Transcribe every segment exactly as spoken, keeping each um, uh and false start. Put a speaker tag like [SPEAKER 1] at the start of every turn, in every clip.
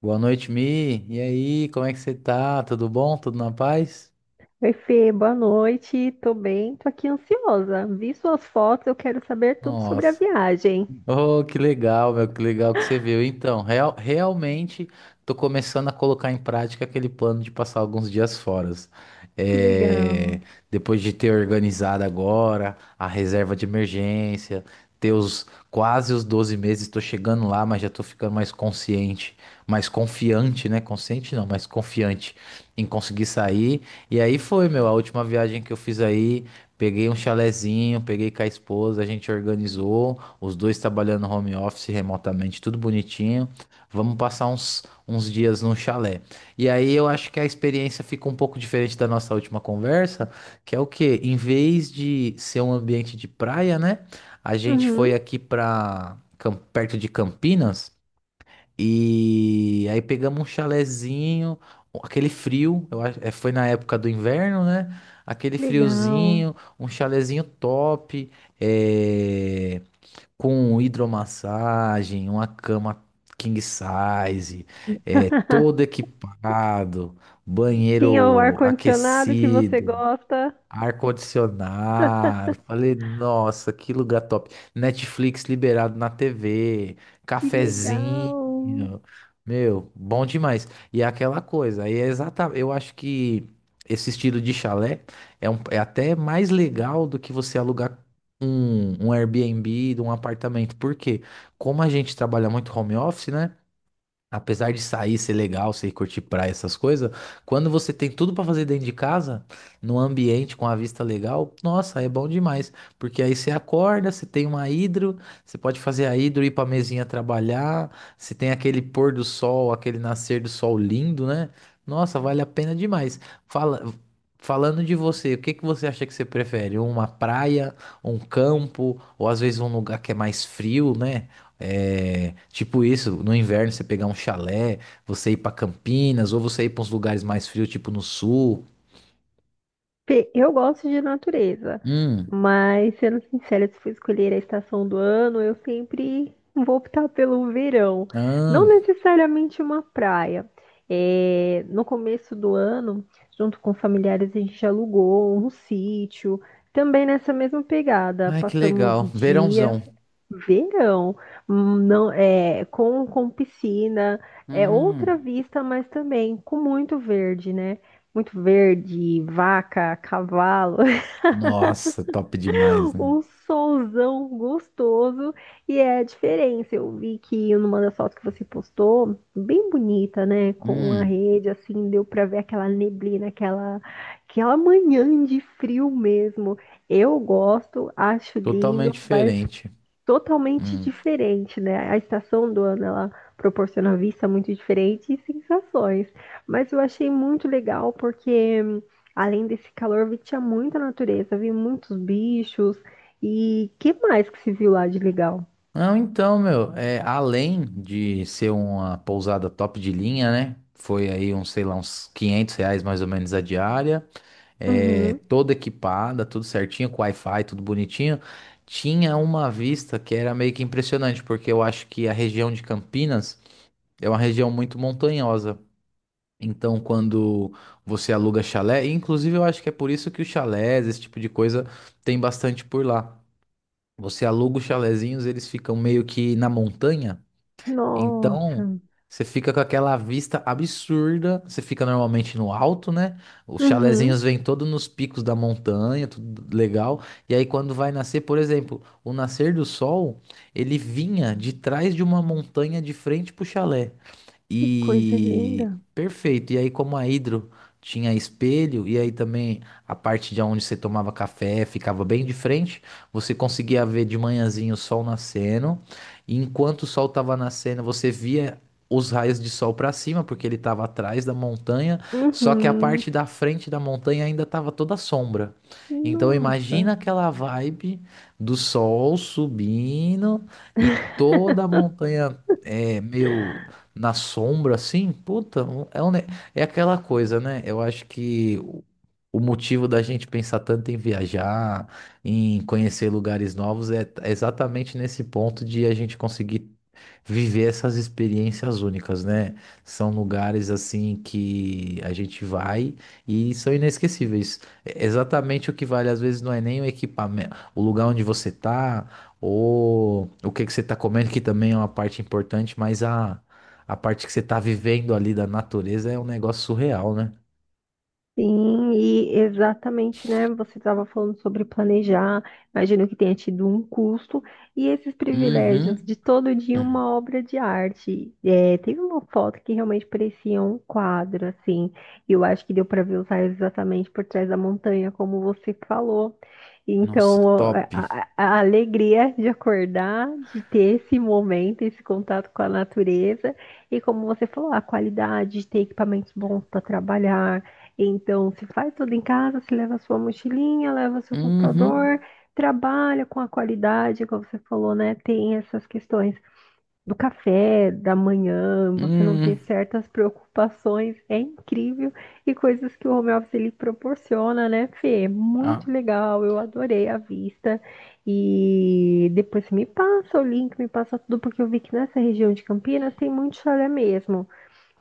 [SPEAKER 1] Boa noite, Mi. E aí, como é que você tá? Tudo bom? Tudo na paz?
[SPEAKER 2] Oi, Fê, boa noite. Tô bem, tô aqui ansiosa. Vi suas fotos, eu quero saber tudo sobre a
[SPEAKER 1] Nossa,
[SPEAKER 2] viagem.
[SPEAKER 1] oh, que legal, meu, que legal que você viu. Então, real- realmente tô começando a colocar em prática aquele plano de passar alguns dias fora.
[SPEAKER 2] Que legal.
[SPEAKER 1] É, depois de ter organizado agora a reserva de emergência, ter os quase os doze meses, tô chegando lá, mas já tô ficando mais consciente, mais confiante, né? Consciente não, mas confiante em conseguir sair. E aí foi, meu, a última viagem que eu fiz aí, peguei um chalezinho, peguei com a esposa, a gente organizou. Os dois trabalhando home office remotamente, tudo bonitinho. Vamos passar uns, uns dias num chalé. E aí eu acho que a experiência fica um pouco diferente da nossa última conversa, que é o quê? Em vez de ser um ambiente de praia, né? A gente foi
[SPEAKER 2] Uhum,
[SPEAKER 1] aqui para perto de Campinas e aí pegamos um chalézinho, aquele frio, eu acho, é, foi na época do inverno, né? Aquele
[SPEAKER 2] legal.
[SPEAKER 1] friozinho, um chalézinho top. É com hidromassagem, uma cama king size, é, todo equipado,
[SPEAKER 2] Tinha o
[SPEAKER 1] banheiro
[SPEAKER 2] ar-condicionado que você
[SPEAKER 1] aquecido,
[SPEAKER 2] gosta.
[SPEAKER 1] ar-condicionado. Falei, nossa, que lugar top. Netflix liberado na T V,
[SPEAKER 2] Que
[SPEAKER 1] cafezinho.
[SPEAKER 2] legal.
[SPEAKER 1] Meu, bom demais. E é aquela coisa, aí é exatamente, eu acho que esse estilo de chalé é, um- é até mais legal do que você alugar um, um Airbnb de um apartamento. Por quê? Como a gente trabalha muito home office, né? Apesar de sair, ser legal, ser curtir praia, essas coisas, quando você tem tudo pra fazer dentro de casa, num ambiente com a vista legal, nossa, é bom demais. Porque aí você acorda, você tem uma hidro, você pode fazer a hidro, ir pra mesinha trabalhar, você tem aquele pôr do sol, aquele nascer do sol lindo, né? Nossa, vale a pena demais. Fala, falando de você, o que que você acha que você prefere? Uma praia, um campo, ou às vezes um lugar que é mais frio, né? É, tipo isso, no inverno você pegar um chalé, você ir pra Campinas, ou você ir pra uns lugares mais frios, tipo no sul.
[SPEAKER 2] Pe- Eu gosto de natureza,
[SPEAKER 1] Hum,
[SPEAKER 2] mas sendo sincera, se for escolher a estação do ano, eu sempre vou optar pelo verão.
[SPEAKER 1] ah,
[SPEAKER 2] Não necessariamente uma praia. É, no começo do ano, junto com familiares, a gente alugou um sítio, também nessa mesma pegada.
[SPEAKER 1] ai que
[SPEAKER 2] Passamos
[SPEAKER 1] legal.
[SPEAKER 2] dias.
[SPEAKER 1] Verãozão.
[SPEAKER 2] Verão, hum, não é com, com piscina, é outra
[SPEAKER 1] Hum,
[SPEAKER 2] vista, mas também com muito verde, né? Muito verde, vaca, cavalo,
[SPEAKER 1] nossa, top demais, né?
[SPEAKER 2] um solzão gostoso e é a diferença. Eu vi que numa das fotos que você postou, bem bonita, né? Com a
[SPEAKER 1] Hum,
[SPEAKER 2] rede, assim, deu pra ver aquela neblina, aquela, aquela manhã de frio mesmo. Eu gosto, acho
[SPEAKER 1] totalmente
[SPEAKER 2] lindo, mas
[SPEAKER 1] diferente.
[SPEAKER 2] totalmente
[SPEAKER 1] Hum.
[SPEAKER 2] diferente, né? A estação do ano ela proporciona vista muito diferente e sensações. Mas eu achei muito legal porque além desse calor, vi tinha muita natureza, vi muitos bichos e que mais que se viu lá de legal?
[SPEAKER 1] Não, então, meu, é, além de ser uma pousada top de linha, né? Foi aí uns, sei lá, uns quinhentos reais mais ou menos a diária. É,
[SPEAKER 2] Uhum.
[SPEAKER 1] toda equipada, tudo certinho, com Wi-Fi, tudo bonitinho. Tinha uma vista que era meio que impressionante, porque eu acho que a região de Campinas é uma região muito montanhosa. Então, quando você aluga chalé, e inclusive eu acho que é por isso que os chalés, esse tipo de coisa, tem bastante por lá. Você aluga os chalezinhos, eles ficam meio que na montanha.
[SPEAKER 2] Nossa.
[SPEAKER 1] Então, você fica com aquela vista absurda. Você fica normalmente no alto, né? Os
[SPEAKER 2] Uhum.
[SPEAKER 1] chalezinhos vêm todos nos picos da montanha, tudo legal. E aí, quando vai nascer, por exemplo, o nascer do sol, ele vinha de trás de uma montanha de frente pro chalé.
[SPEAKER 2] Que coisa
[SPEAKER 1] E
[SPEAKER 2] linda.
[SPEAKER 1] perfeito. E aí, como a Hidro tinha espelho, e aí também a parte de onde você tomava café ficava bem de frente, você conseguia ver de manhãzinho o sol nascendo. E enquanto o sol estava nascendo, você via os raios de sol para cima, porque ele estava atrás da montanha, só que a
[SPEAKER 2] Uhum.
[SPEAKER 1] parte da frente da montanha ainda estava toda sombra. Então
[SPEAKER 2] Nossa.
[SPEAKER 1] imagina aquela vibe do sol subindo e toda a montanha é meio na sombra, assim, puta, um- é, um ne- é aquela coisa, né? Eu acho que o o motivo da gente pensar tanto em viajar, em conhecer lugares novos, é t- é exatamente nesse ponto de a gente conseguir viver essas experiências únicas, né? São lugares assim que a gente vai e são inesquecíveis. É exatamente o que vale, às vezes, não é nem o equipamento, o lugar onde você tá, ou o que que você tá comendo, que também é uma parte importante, mas a a parte que você tá vivendo ali da natureza é um negócio surreal, né?
[SPEAKER 2] Sim, e exatamente, né? Você estava falando sobre planejar, imagino que tenha tido um custo, e esses privilégios
[SPEAKER 1] Uhum.
[SPEAKER 2] de todo dia
[SPEAKER 1] Uhum.
[SPEAKER 2] uma obra de arte. É, teve uma foto que realmente parecia um quadro, assim, e eu acho que deu para ver os raios exatamente por trás da montanha, como você falou.
[SPEAKER 1] Nossa,
[SPEAKER 2] Então, é,
[SPEAKER 1] top.
[SPEAKER 2] a, a- a alegria de acordar, de ter esse momento, esse contato com a natureza, e como você falou, a qualidade de ter equipamentos bons para trabalhar, então, se faz tudo em casa, se leva sua mochilinha, leva seu computador,
[SPEAKER 1] Uhum.
[SPEAKER 2] trabalha com a qualidade, como você falou, né? Tem essas questões do café, da manhã, você não ter
[SPEAKER 1] Uhum.
[SPEAKER 2] certas preocupações, é incrível. E coisas que o home office ele proporciona, né, Fê? É
[SPEAKER 1] Ah.
[SPEAKER 2] muito legal, eu adorei a vista. E depois você me passa o link, me passa tudo, porque eu vi que nessa região de Campinas tem muito chalé mesmo.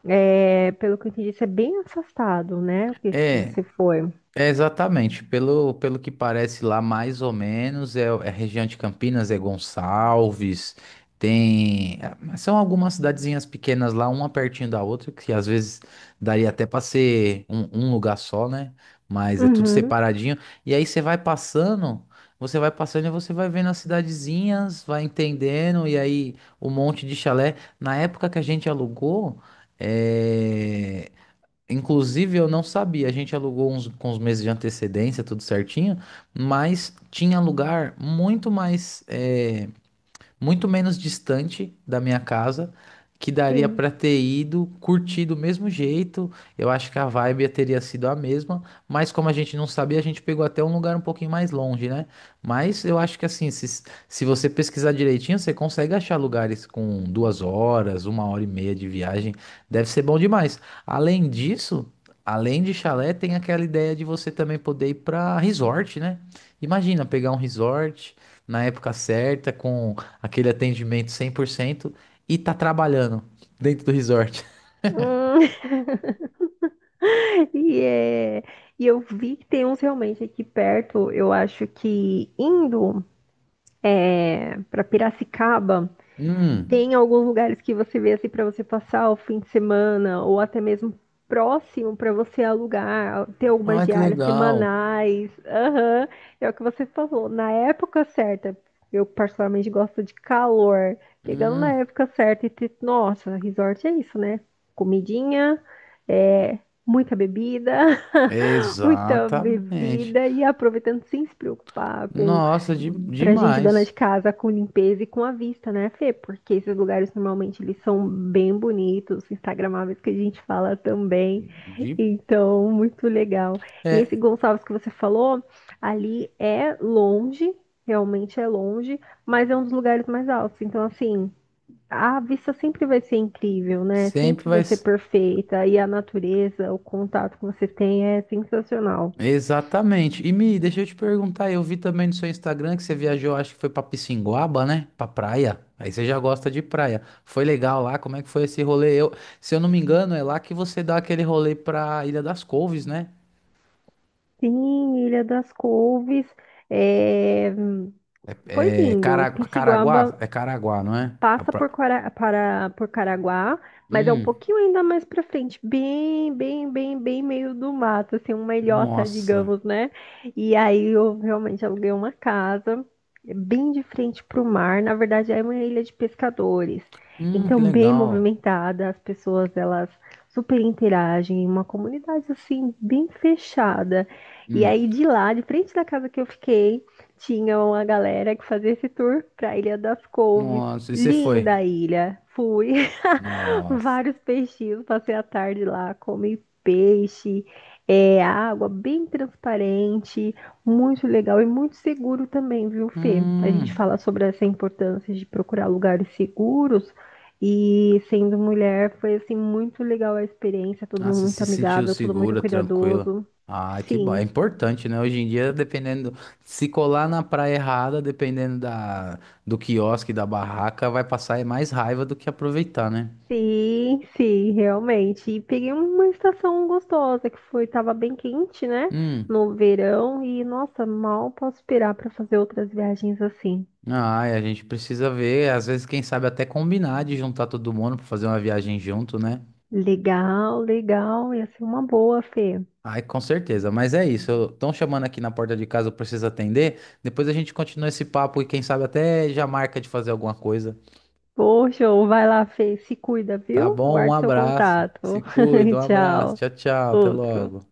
[SPEAKER 2] É, pelo que eu entendi, isso é bem afastado, né? O que se
[SPEAKER 1] É.
[SPEAKER 2] você foi.
[SPEAKER 1] É exatamente, pelo, pelo que parece lá, mais ou menos, é, é região de Campinas, é Gonçalves, tem. É, são algumas cidadezinhas pequenas lá, uma pertinho da outra, que às vezes daria até para ser um, um lugar só, né? Mas é tudo
[SPEAKER 2] Uhum,
[SPEAKER 1] separadinho. E aí você vai passando, você vai passando e você vai vendo as cidadezinhas, vai entendendo, e aí o monte de chalé. Na época que a gente alugou. É, inclusive, eu não sabia. A gente alugou uns, com uns meses de antecedência, tudo certinho, mas tinha lugar muito mais. Eh, muito menos distante da minha casa, que daria
[SPEAKER 2] sim.
[SPEAKER 1] para ter ido, curtir do mesmo jeito. Eu acho que a vibe teria sido a mesma, mas como a gente não sabia, a gente pegou até um lugar um pouquinho mais longe, né? Mas eu acho que assim, se, se você pesquisar direitinho, você consegue achar lugares com duas horas, uma hora e meia de viagem. Deve ser bom demais. Além disso, além de chalé, tem aquela ideia de você também poder ir para resort, né? Imagina pegar um resort na época certa, com aquele atendimento cem por cento e tá trabalhando dentro do resort.
[SPEAKER 2] Hum. E, é, e eu vi que tem uns realmente aqui perto. Eu acho que indo para Piracicaba.
[SPEAKER 1] Hum,
[SPEAKER 2] Tem alguns lugares que você vê assim para você passar o fim de semana ou até mesmo próximo para você alugar, ter algumas
[SPEAKER 1] olha que
[SPEAKER 2] diárias
[SPEAKER 1] legal.
[SPEAKER 2] semanais. Aham, é o que você falou, na época certa. Eu particularmente gosto de calor. Pegando na
[SPEAKER 1] Hum,
[SPEAKER 2] época certa e ter, nossa, resort é isso, né? Comidinha, é, muita bebida, muita
[SPEAKER 1] exatamente.
[SPEAKER 2] bebida e aproveitando sem se preocupar com
[SPEAKER 1] Nossa, de,
[SPEAKER 2] pra gente dona
[SPEAKER 1] demais.
[SPEAKER 2] de casa, com limpeza e com a vista, né, Fê? Porque esses lugares normalmente eles são bem bonitos, instagramáveis que a gente fala também.
[SPEAKER 1] De,
[SPEAKER 2] Então, muito legal. E esse
[SPEAKER 1] é,
[SPEAKER 2] Gonçalves que você falou, ali é longe, realmente é longe, mas é um dos lugares mais altos. Então, assim, a vista sempre vai ser incrível, né? Sempre
[SPEAKER 1] Sempre
[SPEAKER 2] vai
[SPEAKER 1] vai.
[SPEAKER 2] ser
[SPEAKER 1] s-
[SPEAKER 2] perfeita e a natureza, o contato que você tem é sensacional.
[SPEAKER 1] Exatamente. E Mi, deixa eu te perguntar, eu vi também no seu Instagram que você viajou, acho que foi pra Pissinguaba, né? Pra praia. Aí você já gosta de praia. Foi legal lá? Como é que foi esse rolê? Eu, se eu não me engano, é lá que você dá aquele rolê pra Ilha das Couves, né?
[SPEAKER 2] Sim, Ilha das Couves, é, foi
[SPEAKER 1] É
[SPEAKER 2] lindo.
[SPEAKER 1] Cara-
[SPEAKER 2] Pisciguaba
[SPEAKER 1] Caraguá? É Caraguá, não é? A
[SPEAKER 2] passa por,
[SPEAKER 1] pra-
[SPEAKER 2] Quara- para, por Caraguá, mas é um
[SPEAKER 1] Hum,
[SPEAKER 2] pouquinho ainda mais para frente, bem, bem, bem, bem meio do mato, assim, uma ilhota,
[SPEAKER 1] nossa.
[SPEAKER 2] digamos, né? E aí eu realmente aluguei uma casa eh, bem de frente para o mar, na verdade é uma ilha de pescadores,
[SPEAKER 1] Hum, que
[SPEAKER 2] então bem
[SPEAKER 1] legal.
[SPEAKER 2] movimentada, as pessoas elas super interagem, uma comunidade assim bem fechada. E
[SPEAKER 1] Hum,
[SPEAKER 2] aí de lá, de frente da casa que eu fiquei, tinha uma galera que fazia esse tour para a Ilha das Couves.
[SPEAKER 1] nossa. E você foi?
[SPEAKER 2] Linda a ilha. Fui.
[SPEAKER 1] Nossa.
[SPEAKER 2] Vários peixinhos. Passei a tarde lá, comi peixe. É, água bem transparente, muito legal e muito seguro também, viu, Fê? A gente
[SPEAKER 1] Hum.
[SPEAKER 2] fala sobre essa importância de procurar lugares seguros e sendo mulher foi assim muito legal a experiência, todo
[SPEAKER 1] Ah,
[SPEAKER 2] mundo
[SPEAKER 1] você
[SPEAKER 2] muito
[SPEAKER 1] se sentiu
[SPEAKER 2] amigável, todo muito
[SPEAKER 1] segura, tranquila.
[SPEAKER 2] cuidadoso.
[SPEAKER 1] Ah, que bom. É
[SPEAKER 2] Sim.
[SPEAKER 1] importante, né? Hoje em dia, dependendo. Se colar na praia errada, dependendo da, do quiosque, da barraca, vai passar mais raiva do que aproveitar, né?
[SPEAKER 2] Sim, sim, realmente. E peguei uma estação gostosa que foi, tava bem quente, né?
[SPEAKER 1] Hum.
[SPEAKER 2] No verão e nossa, mal posso esperar para fazer outras viagens assim.
[SPEAKER 1] Ah, e a gente precisa ver. Às vezes, quem sabe até combinar de juntar todo mundo pra fazer uma viagem junto, né?
[SPEAKER 2] Legal, legal, ia ser uma boa, Fê.
[SPEAKER 1] Ai, com certeza, mas é isso. Estão chamando aqui na porta de casa, eu preciso atender. Depois a gente continua esse papo e quem sabe até já marca de fazer alguma coisa.
[SPEAKER 2] Poxa, vai lá, Fê, se cuida,
[SPEAKER 1] Tá
[SPEAKER 2] viu?
[SPEAKER 1] bom? Um
[SPEAKER 2] Aguardo seu
[SPEAKER 1] abraço. Se
[SPEAKER 2] contato.
[SPEAKER 1] cuida, um abraço.
[SPEAKER 2] Tchau.
[SPEAKER 1] Tchau, tchau. Até
[SPEAKER 2] Outro.
[SPEAKER 1] logo.